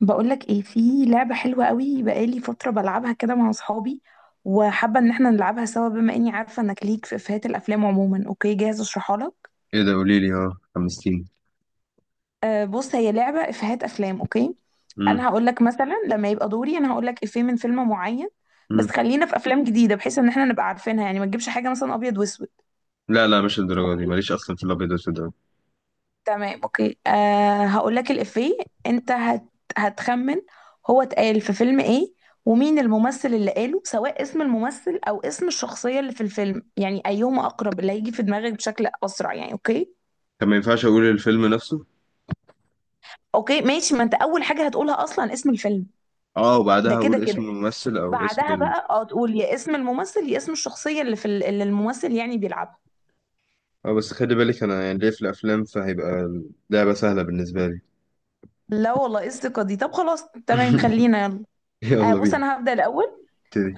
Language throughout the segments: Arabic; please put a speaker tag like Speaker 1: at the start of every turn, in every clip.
Speaker 1: بقولك ايه؟ في لعبة حلوة قوي بقالي فترة بلعبها كده مع اصحابي، وحابة ان احنا نلعبها سوا. بما اني عارفة انك ليك في افيهات الافلام عموما. اوكي، جاهز اشرحها لك؟
Speaker 2: ايه ده؟ قولي لي، اه حمستيني.
Speaker 1: آه بص، هي لعبة افيهات افلام. اوكي.
Speaker 2: امم.
Speaker 1: انا هقولك مثلا لما يبقى دوري انا هقولك افيه من فيلم معين. بس
Speaker 2: امم.
Speaker 1: خلينا في افلام جديدة بحيث ان احنا نبقى عارفينها. يعني ما تجيبش حاجة مثلا ابيض واسود.
Speaker 2: لا لا، مش الدرجه دي،
Speaker 1: اوكي،
Speaker 2: ماليش اصلا في الابيض والاسود ده.
Speaker 1: تمام. اوكي، هقول لك الإفيه. انت هتخمن. هو اتقال في فيلم ايه، ومين الممثل اللي قاله، سواء اسم الممثل او اسم الشخصية اللي في الفيلم. يعني ايهما اقرب اللي هيجي في دماغك بشكل اسرع. يعني اوكي.
Speaker 2: كان ما ينفعش اقول الفيلم نفسه.
Speaker 1: اوكي ماشي، ما انت اول حاجة هتقولها اصلا اسم الفيلم.
Speaker 2: اه
Speaker 1: ده
Speaker 2: وبعدها
Speaker 1: كده
Speaker 2: اقول اسم
Speaker 1: كده.
Speaker 2: الممثل او اسم
Speaker 1: بعدها بقى تقول يا اسم الممثل يا اسم الشخصية اللي في اللي الممثل يعني بيلعبها.
Speaker 2: اه، بس خلي بالك انا يعني ليه في الافلام فهيبقى اللعبه سهله بالنسبه لي.
Speaker 1: لا والله، ايه الثقة دي؟ طب خلاص، تمام، خلينا يلا.
Speaker 2: يلا
Speaker 1: أه بص،
Speaker 2: بينا.
Speaker 1: انا هبدأ الاول.
Speaker 2: ابتدي.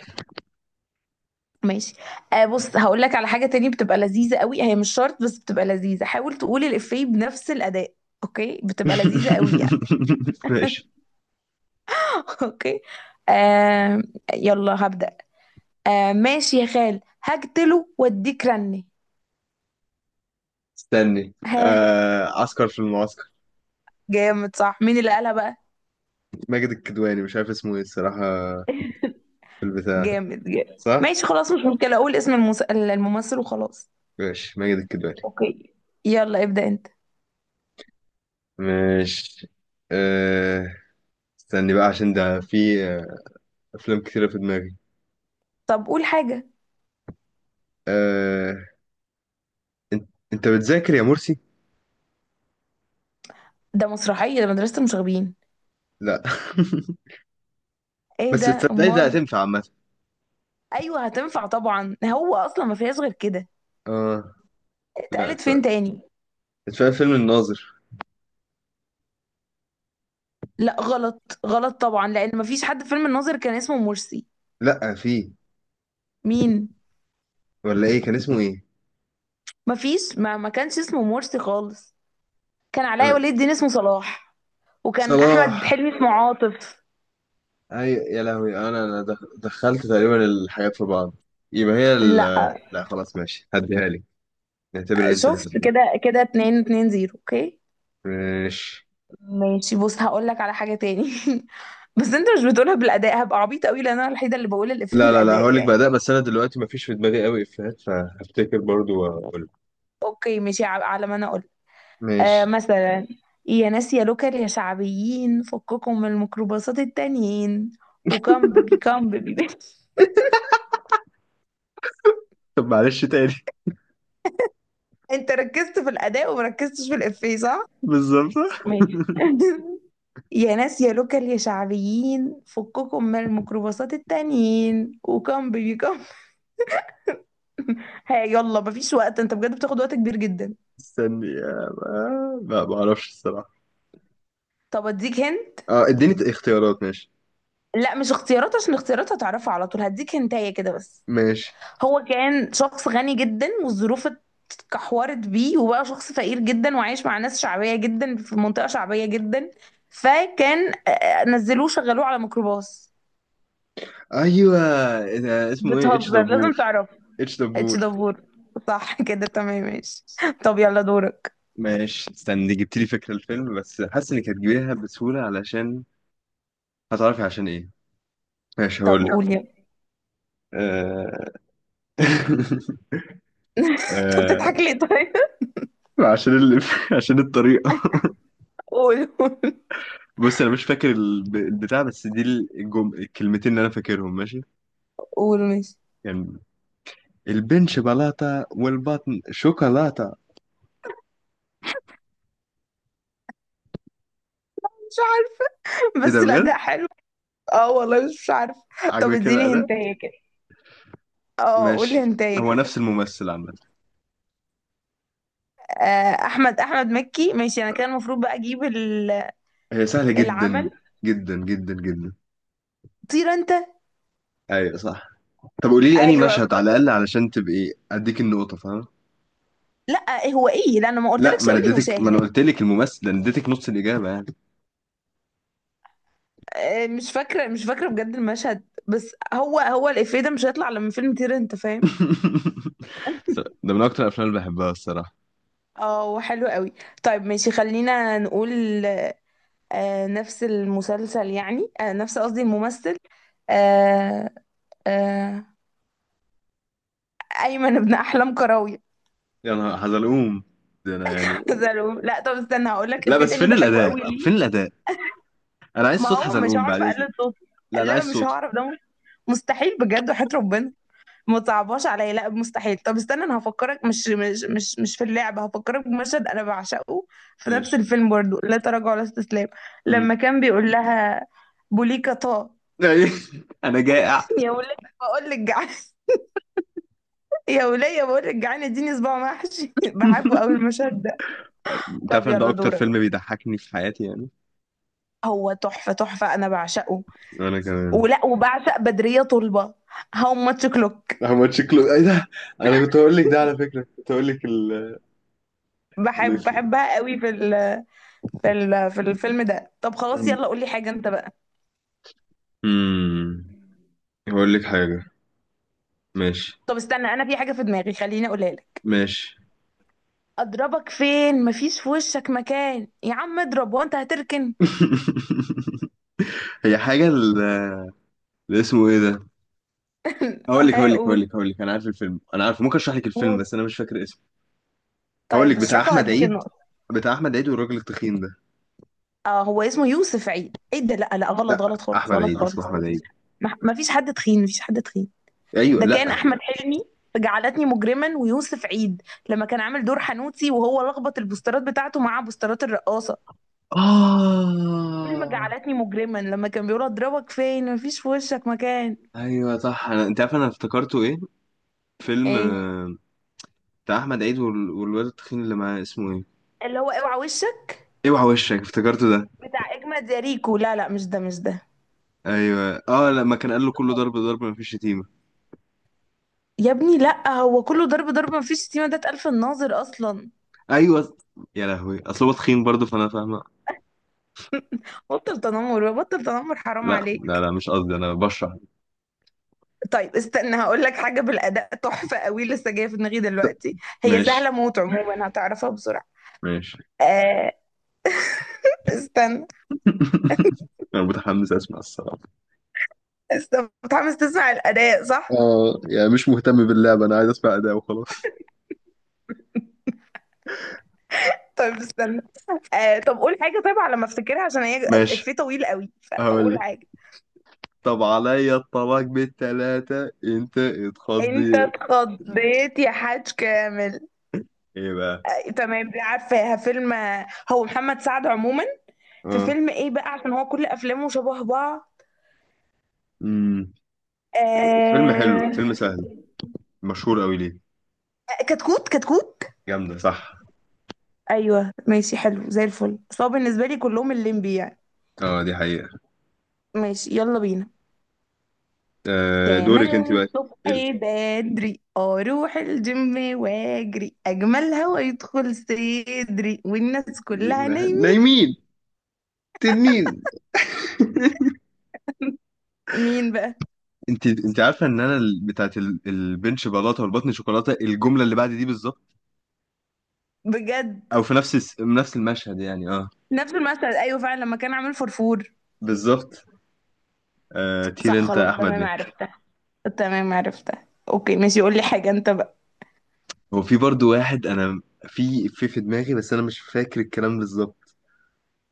Speaker 1: ماشي. آه بص، هقول لك على حاجة تانية بتبقى لذيذة قوي، هي مش شرط بس بتبقى لذيذة. حاول تقول الإفيه بنفس الأداء. اوكي، بتبقى لذيذة قوي يعني.
Speaker 2: ماشي.
Speaker 1: اوكي. آه. يلا هبدأ. آه ماشي يا خال، هقتله واديك رني.
Speaker 2: استني،
Speaker 1: ها؟
Speaker 2: عسكر في المعسكر.
Speaker 1: جامد، صح؟ مين اللي قالها بقى؟
Speaker 2: ماجد الكدواني، مش عارف اسمه ايه الصراحه، في البتاع.
Speaker 1: جامد جامد،
Speaker 2: صح.
Speaker 1: ماشي خلاص، مش مشكلة اقول اسم الممثل وخلاص.
Speaker 2: ماشي، ماجد الكدواني.
Speaker 1: اوكي، يلا ابدأ انت.
Speaker 2: ماشي. آه... استني بقى عشان ده في افلام كتيره في دماغي.
Speaker 1: طب قول حاجة.
Speaker 2: آه... انت بتذاكر يا مرسي؟
Speaker 1: ده مسرحية، ده مدرسة المشاغبين.
Speaker 2: لا.
Speaker 1: ايه
Speaker 2: بس
Speaker 1: ده
Speaker 2: تصدقي ده
Speaker 1: امال؟
Speaker 2: هتنفع عامه.
Speaker 1: ايوه هتنفع طبعا، هو اصلا ما فيهاش غير كده.
Speaker 2: اه. لا،
Speaker 1: اتقالت فين
Speaker 2: تصدق،
Speaker 1: تاني؟
Speaker 2: فاهم فيلم الناظر؟
Speaker 1: لا غلط غلط طبعا، لان ما فيش حد في فيلم الناظر كان اسمه مرسي.
Speaker 2: لا في.
Speaker 1: مين؟
Speaker 2: ولا ايه كان اسمه ايه؟
Speaker 1: ما فيش. ما كانش اسمه مرسي خالص. كان علاء
Speaker 2: انا
Speaker 1: ولي الدين اسمه صلاح. وكان احمد
Speaker 2: صلاح.
Speaker 1: حلمي اسمه عاطف.
Speaker 2: اي يا لهوي، انا دخلت تقريبا الحاجات في بعض. يبقى هي
Speaker 1: لا.
Speaker 2: لا خلاص، ماشي هديها لك. نعتبر ان انت
Speaker 1: شفت؟
Speaker 2: بتهزري.
Speaker 1: كده كده اتنين، اتنين زيرو. اوكي.
Speaker 2: ماشي.
Speaker 1: ماشي، بص هقول لك على حاجة تاني. بس انت مش بتقولها بالاداء، هبقى عبيطة قوي لان انا الوحيدة اللي بقول الافيه
Speaker 2: لا لا لا،
Speaker 1: بالاداء
Speaker 2: هقول لك
Speaker 1: يعني.
Speaker 2: بقى ده، بس انا دلوقتي مفيش في دماغي قوي افيهات فهفتكر برضو واقول.
Speaker 1: اوكي ماشي، على ما انا. آه
Speaker 2: ماشي.
Speaker 1: مثلا. يا ناس يا لوكر يا شعبيين فككم من الميكروباصات التانيين، وكم بيبي كم بيبي.
Speaker 2: طب معلش تاني.
Speaker 1: انت ركزت في الاداء ومركزتش في الافيه، صح؟
Speaker 2: بالظبط.
Speaker 1: ماشي. يا ناس يا لوكر يا شعبيين فككم من الميكروباصات التانيين، وكم بيبي كم. ها؟ يلا مفيش وقت، انت بجد بتاخد وقت كبير جدا.
Speaker 2: استني، ما اعرفش الصراحه.
Speaker 1: طب اديك هن.
Speaker 2: اه، اديني اختيارات، ماشي.
Speaker 1: لا، مش اختيارات، عشان اختيارات هتعرفها على طول، هديك هنتايه كده بس.
Speaker 2: ماشي.
Speaker 1: هو كان شخص غني جدا والظروف كحورت بيه، وبقى شخص فقير جدا وعايش مع ناس شعبية جدا في منطقة شعبية جدا. فكان، نزلوه شغلوه على ميكروباص.
Speaker 2: ايوه. ده اسمه ايه؟ اتش
Speaker 1: بتهزر، لازم
Speaker 2: دبور؟
Speaker 1: تعرف.
Speaker 2: اتش
Speaker 1: اتش
Speaker 2: دبور.
Speaker 1: دبور. صح كده، تمام ماشي. طب يلا دورك.
Speaker 2: ماشي. استني، جبت لي فكره الفيلم، بس حاسس انك هتجيبيها بسهوله علشان هتعرفي عشان ايه. ماشي،
Speaker 1: طب
Speaker 2: هقول
Speaker 1: قول
Speaker 2: لك.
Speaker 1: يلا.
Speaker 2: آه...
Speaker 1: طب
Speaker 2: آه...
Speaker 1: بتضحك ليه طيب؟
Speaker 2: عشان عشان الطريقه.
Speaker 1: قول قول.
Speaker 2: بص، انا مش فاكر البتاع، بس دي الكلمتين اللي انا فاكرهم، ماشي.
Speaker 1: قول ماشي.
Speaker 2: يعني البنش بلاطه والبطن شوكولاته.
Speaker 1: مش عارفة.
Speaker 2: ايه ده
Speaker 1: بس
Speaker 2: بجد؟
Speaker 1: الأداء حلو. اه والله، مش عارفة. طب
Speaker 2: عجبك
Speaker 1: اديني
Speaker 2: كده.
Speaker 1: هنتايه كده. اه قولي
Speaker 2: ماشي.
Speaker 1: هنتايه
Speaker 2: هو
Speaker 1: كده.
Speaker 2: نفس الممثل عامة.
Speaker 1: آه، احمد مكي. ماشي انا كان المفروض بقى اجيب
Speaker 2: هي سهلة جدا
Speaker 1: العمل.
Speaker 2: جدا جدا جدا.
Speaker 1: طير انت.
Speaker 2: ايوه صح. طب قولي لي انهي
Speaker 1: ايوه.
Speaker 2: مشهد على الاقل علشان تبقي اديك النقطة، فاهم.
Speaker 1: لا هو ايه، لا انا ما
Speaker 2: لا،
Speaker 1: قلتلكش
Speaker 2: ما انا
Speaker 1: قول لي
Speaker 2: اديتك، ما
Speaker 1: مشاهد.
Speaker 2: انا قلت لك الممثل ده، انا اديتك نص الاجابة يعني.
Speaker 1: مش فاكره مش فاكره بجد المشهد، بس هو الافيه ده مش هيطلع لما فيلم طير انت، فاهم؟
Speaker 2: ده من اكتر الافلام اللي بحبها الصراحة.
Speaker 1: اه، حلو قوي. طيب ماشي، خلينا نقول. نفس المسلسل يعني، نفس، قصدي الممثل. آه آه ايمن ابن احلام كراوي.
Speaker 2: يا نهار حزلقوم، ده انا يعني.
Speaker 1: زعلوم. لا طب استنى، هقول لك
Speaker 2: لا،
Speaker 1: افيه
Speaker 2: بس
Speaker 1: تاني
Speaker 2: فين
Speaker 1: بحبه
Speaker 2: الاداء
Speaker 1: قوي
Speaker 2: فين
Speaker 1: ليه.
Speaker 2: الاداء؟ انا عايز
Speaker 1: ما
Speaker 2: صوت
Speaker 1: هو مش
Speaker 2: حزلقوم
Speaker 1: هعرف
Speaker 2: بعد اذنك.
Speaker 1: اقلد صوته.
Speaker 2: لا، انا
Speaker 1: لا
Speaker 2: عايز
Speaker 1: مش
Speaker 2: صوته.
Speaker 1: هعرف ده. مستحيل بجد وحياة ربنا. ما تصعبهاش عليا، لا مستحيل. طب استنى، انا هفكرك مش في اللعبه، هفكرك بمشهد انا بعشقه. في نفس
Speaker 2: ماشي.
Speaker 1: الفيلم برضو، لا تراجع ولا استسلام.
Speaker 2: مم.
Speaker 1: لما كان بيقول لها بوليكا طه.
Speaker 2: انا جائع.
Speaker 1: يا وليه بقول لك جعان. يا وليه بقول لك جعان اديني صباع محشي. بحبه قوي المشهد ده.
Speaker 2: انت
Speaker 1: طب
Speaker 2: عارف إن ده
Speaker 1: يلا
Speaker 2: اكتر فيلم
Speaker 1: دورك.
Speaker 2: بيضحكني في حياتي يعني.
Speaker 1: هو تحفه تحفه انا بعشقه.
Speaker 2: وانا كمان.
Speaker 1: ولا وبعشق بدريه طلبه. هاو ماتش كلوك.
Speaker 2: احمد، شكله ايه ده؟ انا كنت هقول لك ده على فكره، كنت هقول لك
Speaker 1: بحب
Speaker 2: الاسم.
Speaker 1: بحبها قوي في الفيلم ده. طب خلاص
Speaker 2: مم.
Speaker 1: يلا قولي حاجه انت بقى.
Speaker 2: مم. هقول لك حاجة. ماشي.
Speaker 1: طب استنى، انا في حاجه في دماغي، خليني اقولها لك.
Speaker 2: ماشي.
Speaker 1: اضربك فين، مفيش في وشك مكان، يا عم اضرب وانت هتركن.
Speaker 2: هي حاجة اللي اسمه ايه ده؟ هقول لك هقول لك هقول
Speaker 1: هقول.
Speaker 2: لك هقول لك، انا عارف الفيلم، انا عارف، ممكن اشرح لك الفيلم
Speaker 1: قول.
Speaker 2: بس انا مش فاكر اسمه. هقول لك
Speaker 1: طيب
Speaker 2: بتاع
Speaker 1: اشرحه،
Speaker 2: احمد
Speaker 1: هديك
Speaker 2: عيد.
Speaker 1: النقطه.
Speaker 2: بتاع احمد عيد والراجل التخين ده.
Speaker 1: اه هو اسمه يوسف عيد؟ ايه ده؟ لا لا، غلط
Speaker 2: لا،
Speaker 1: غلط خالص،
Speaker 2: احمد
Speaker 1: غلط
Speaker 2: عيد اسمه
Speaker 1: خالص
Speaker 2: احمد
Speaker 1: مفيش.
Speaker 2: عيد.
Speaker 1: مفيش حد تخين، مفيش حد تخين.
Speaker 2: ايوه.
Speaker 1: ده كان
Speaker 2: لا.
Speaker 1: احمد حلمي في جعلتني مجرما ويوسف عيد. لما كان عامل دور حنوتي وهو لخبط البوسترات بتاعته مع بوسترات الرقاصه. فيلم
Speaker 2: اه.
Speaker 1: جعلتني مجرما لما كان بيقول اضربك فين مفيش في وشك مكان.
Speaker 2: ايوه صح. انا، انت عارف انا افتكرته ايه؟ فيلم
Speaker 1: ايه؟
Speaker 2: بتاع احمد عيد والواد التخين اللي معاه اسمه ايه؟
Speaker 1: اللي هو اوعى وشك.
Speaker 2: اوعى وشك، افتكرته ده.
Speaker 1: بتاع اجمد يا ريكو؟ لا لا مش ده مش ده.
Speaker 2: ايوه اه، لما كان قال له كله ضرب ضرب مفيش شتيمه.
Speaker 1: يا ابني لا، هو كله ضرب ضرب مفيش شتيمه، ده اتقال في الناظر اصلا.
Speaker 2: ايوه. يا لهوي اصل هو تخين برضه فانا فاهمه.
Speaker 1: بطل تنمر بقى، بطل تنمر حرام
Speaker 2: لا لا لا،
Speaker 1: عليك.
Speaker 2: مش قصدي، انا بشرح.
Speaker 1: طيب استنى، هقول لك حاجه بالاداء تحفه قوي لسه جايه في دماغي دلوقتي. هي
Speaker 2: ماشي.
Speaker 1: سهله موت عموما، هتعرفها بسرعه.
Speaker 2: ماشي.
Speaker 1: آه. استنى.
Speaker 2: انا متحمس اسمع الصراحه.
Speaker 1: استنى متحمس تسمع الاداء، صح؟
Speaker 2: اه يعني مش مهتم باللعبة، انا عايز اسمع اداء وخلاص.
Speaker 1: طيب استنى. طب قول حاجه، طيب على ما افتكرها، عشان هي
Speaker 2: ماشي،
Speaker 1: افيه طويل قوي،
Speaker 2: هقول
Speaker 1: فقول
Speaker 2: لك.
Speaker 1: حاجه.
Speaker 2: طب عليا الطلاق بالتلاتة انت
Speaker 1: انت
Speaker 2: اتخضيت.
Speaker 1: اتخضيت يا حاج كامل.
Speaker 2: ايه بقى؟
Speaker 1: تمام، لا عارفاها فيلم. هو محمد سعد عموما. في
Speaker 2: اه.
Speaker 1: فيلم ايه بقى، عشان هو كل افلامه شبه بعض.
Speaker 2: امم فيلم حلو،
Speaker 1: آه...
Speaker 2: فيلم سهل، مشهور قوي ليه؟
Speaker 1: كتكوت كتكوت.
Speaker 2: جامده صح.
Speaker 1: ايوه ماشي، حلو زي الفل، بس هو بالنسبه لي كلهم الليمبي يعني.
Speaker 2: اه دي حقيقه.
Speaker 1: ماشي يلا بينا.
Speaker 2: آه،
Speaker 1: تملي
Speaker 2: دورك انت بقى.
Speaker 1: الصبح بدري اروح الجيم واجري، اجمل هوا يدخل صدري والناس كلها نايمين.
Speaker 2: نايمين. تنين.
Speaker 1: مين بقى؟
Speaker 2: انت عارفه ان انا بتاعت البنش بلاطه والبطن شوكولاته، الجمله اللي بعد دي بالظبط؟
Speaker 1: بجد.
Speaker 2: او في نفس نفس المشهد يعني اه.
Speaker 1: نفس المشهد ايوه فعلا، لما كان عامل فرفور.
Speaker 2: بالظبط. آه طير
Speaker 1: صح
Speaker 2: انت يا
Speaker 1: خلاص،
Speaker 2: احمد
Speaker 1: تمام
Speaker 2: مكي.
Speaker 1: عرفتها. تمام عرفتها، اوكي ماشي، قول لي حاجه انت بقى.
Speaker 2: هو في برضو واحد، انا في دماغي، بس انا مش فاكر الكلام بالظبط،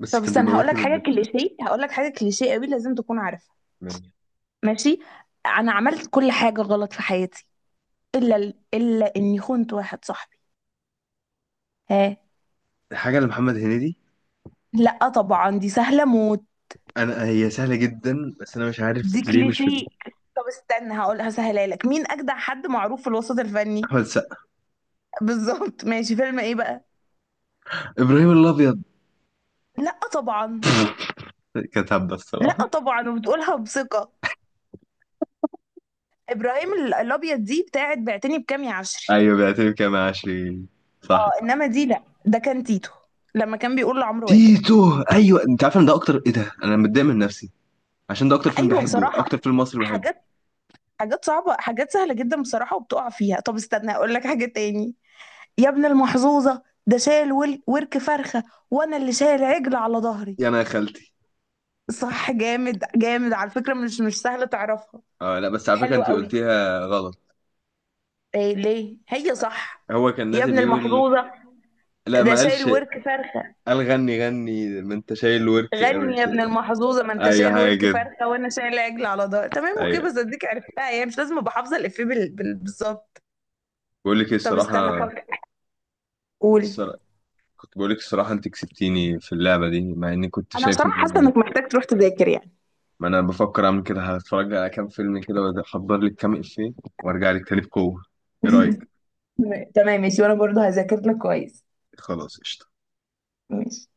Speaker 2: بس
Speaker 1: طب
Speaker 2: كان
Speaker 1: استنى، هقول لك
Speaker 2: بيموتني من
Speaker 1: حاجه
Speaker 2: الضحك.
Speaker 1: كليشيه، هقول لك حاجه كليشيه قوي لازم تكون عارفها.
Speaker 2: ماشي.
Speaker 1: ماشي. انا عملت كل حاجه غلط في حياتي، الا اني خنت واحد صاحبي. ها؟
Speaker 2: حاجه لمحمد هنيدي.
Speaker 1: لا طبعا، دي سهله موت.
Speaker 2: انا هي سهله جدا، بس انا مش عارف
Speaker 1: دي
Speaker 2: ليه مش في
Speaker 1: كليشيه.
Speaker 2: دماغي.
Speaker 1: طب استنى، هقول هسهلها لك، مين اجدع حد معروف في الوسط الفني؟
Speaker 2: احمد السقا.
Speaker 1: بالظبط ماشي، فيلم ايه بقى؟
Speaker 2: ابراهيم الابيض.
Speaker 1: لا طبعا.
Speaker 2: كانت هبه
Speaker 1: لا
Speaker 2: الصراحه.
Speaker 1: طبعا، وبتقولها بثقه. ابراهيم الابيض دي بتاعت بعتني بكام يا عشري.
Speaker 2: ايوه بيعترف كام عشري. صح.
Speaker 1: اه انما دي لا، ده كان تيتو. لما كان بيقول لعمرو واكد.
Speaker 2: تيتو ايوه، انت عارف ان ده اكتر ايه ده، انا متضايق من نفسي عشان ده اكتر فيلم
Speaker 1: ايوه
Speaker 2: بحبه،
Speaker 1: بصراحه.
Speaker 2: اكتر فيلم مصري بحبه.
Speaker 1: حاجات حاجات صعبه، حاجات سهله جدا بصراحه وبتقع فيها. طب استنى، اقول لك حاجه تاني. يا ابن المحظوظه، ده شال ورك فرخه، وانا اللي شايل عجل على ظهري.
Speaker 2: يا انا يا خالتي.
Speaker 1: صح، جامد جامد على فكره، مش سهله تعرفها.
Speaker 2: اه، لا بس على فكره
Speaker 1: حلو
Speaker 2: انت
Speaker 1: قوي.
Speaker 2: قلتيها غلط.
Speaker 1: إيه ليه؟ هي صح.
Speaker 2: هو كان
Speaker 1: يا
Speaker 2: نازل
Speaker 1: ابن
Speaker 2: بيقول.
Speaker 1: المحظوظه
Speaker 2: لا
Speaker 1: ده
Speaker 2: ما
Speaker 1: شايل
Speaker 2: قالش.
Speaker 1: ورك فرخه.
Speaker 2: قال غني غني ما انت شايل ورك ما
Speaker 1: غني
Speaker 2: انت...
Speaker 1: يا ابن المحظوظه من تشاء
Speaker 2: ايوه حاجه
Speaker 1: الورك
Speaker 2: كده،
Speaker 1: فرخه، وانا شايل العجل على ظهر. تمام اوكي،
Speaker 2: ايوه.
Speaker 1: بس اديك عرفتها يعني، مش لازم ابقى حافظه الافيه بالظبط.
Speaker 2: بقول لك ايه
Speaker 1: طب
Speaker 2: الصراحه،
Speaker 1: استنى فكر. قول.
Speaker 2: الصرا- كنت بقول لك الصراحه، انت كسبتيني في اللعبه دي مع اني كنت
Speaker 1: انا
Speaker 2: شايف ان،
Speaker 1: بصراحه حاسه انك محتاج تروح تذاكر يعني.
Speaker 2: ما انا بفكر اعمل كده، هتفرج على كام فيلم كده واحضر لك كام افيه، وارجع لك تاني بقوه. ايه رايك؟
Speaker 1: تمام ماشي، وانا برضو هذاكر لك كويس.
Speaker 2: خلاص قشطة.
Speaker 1: ماشي.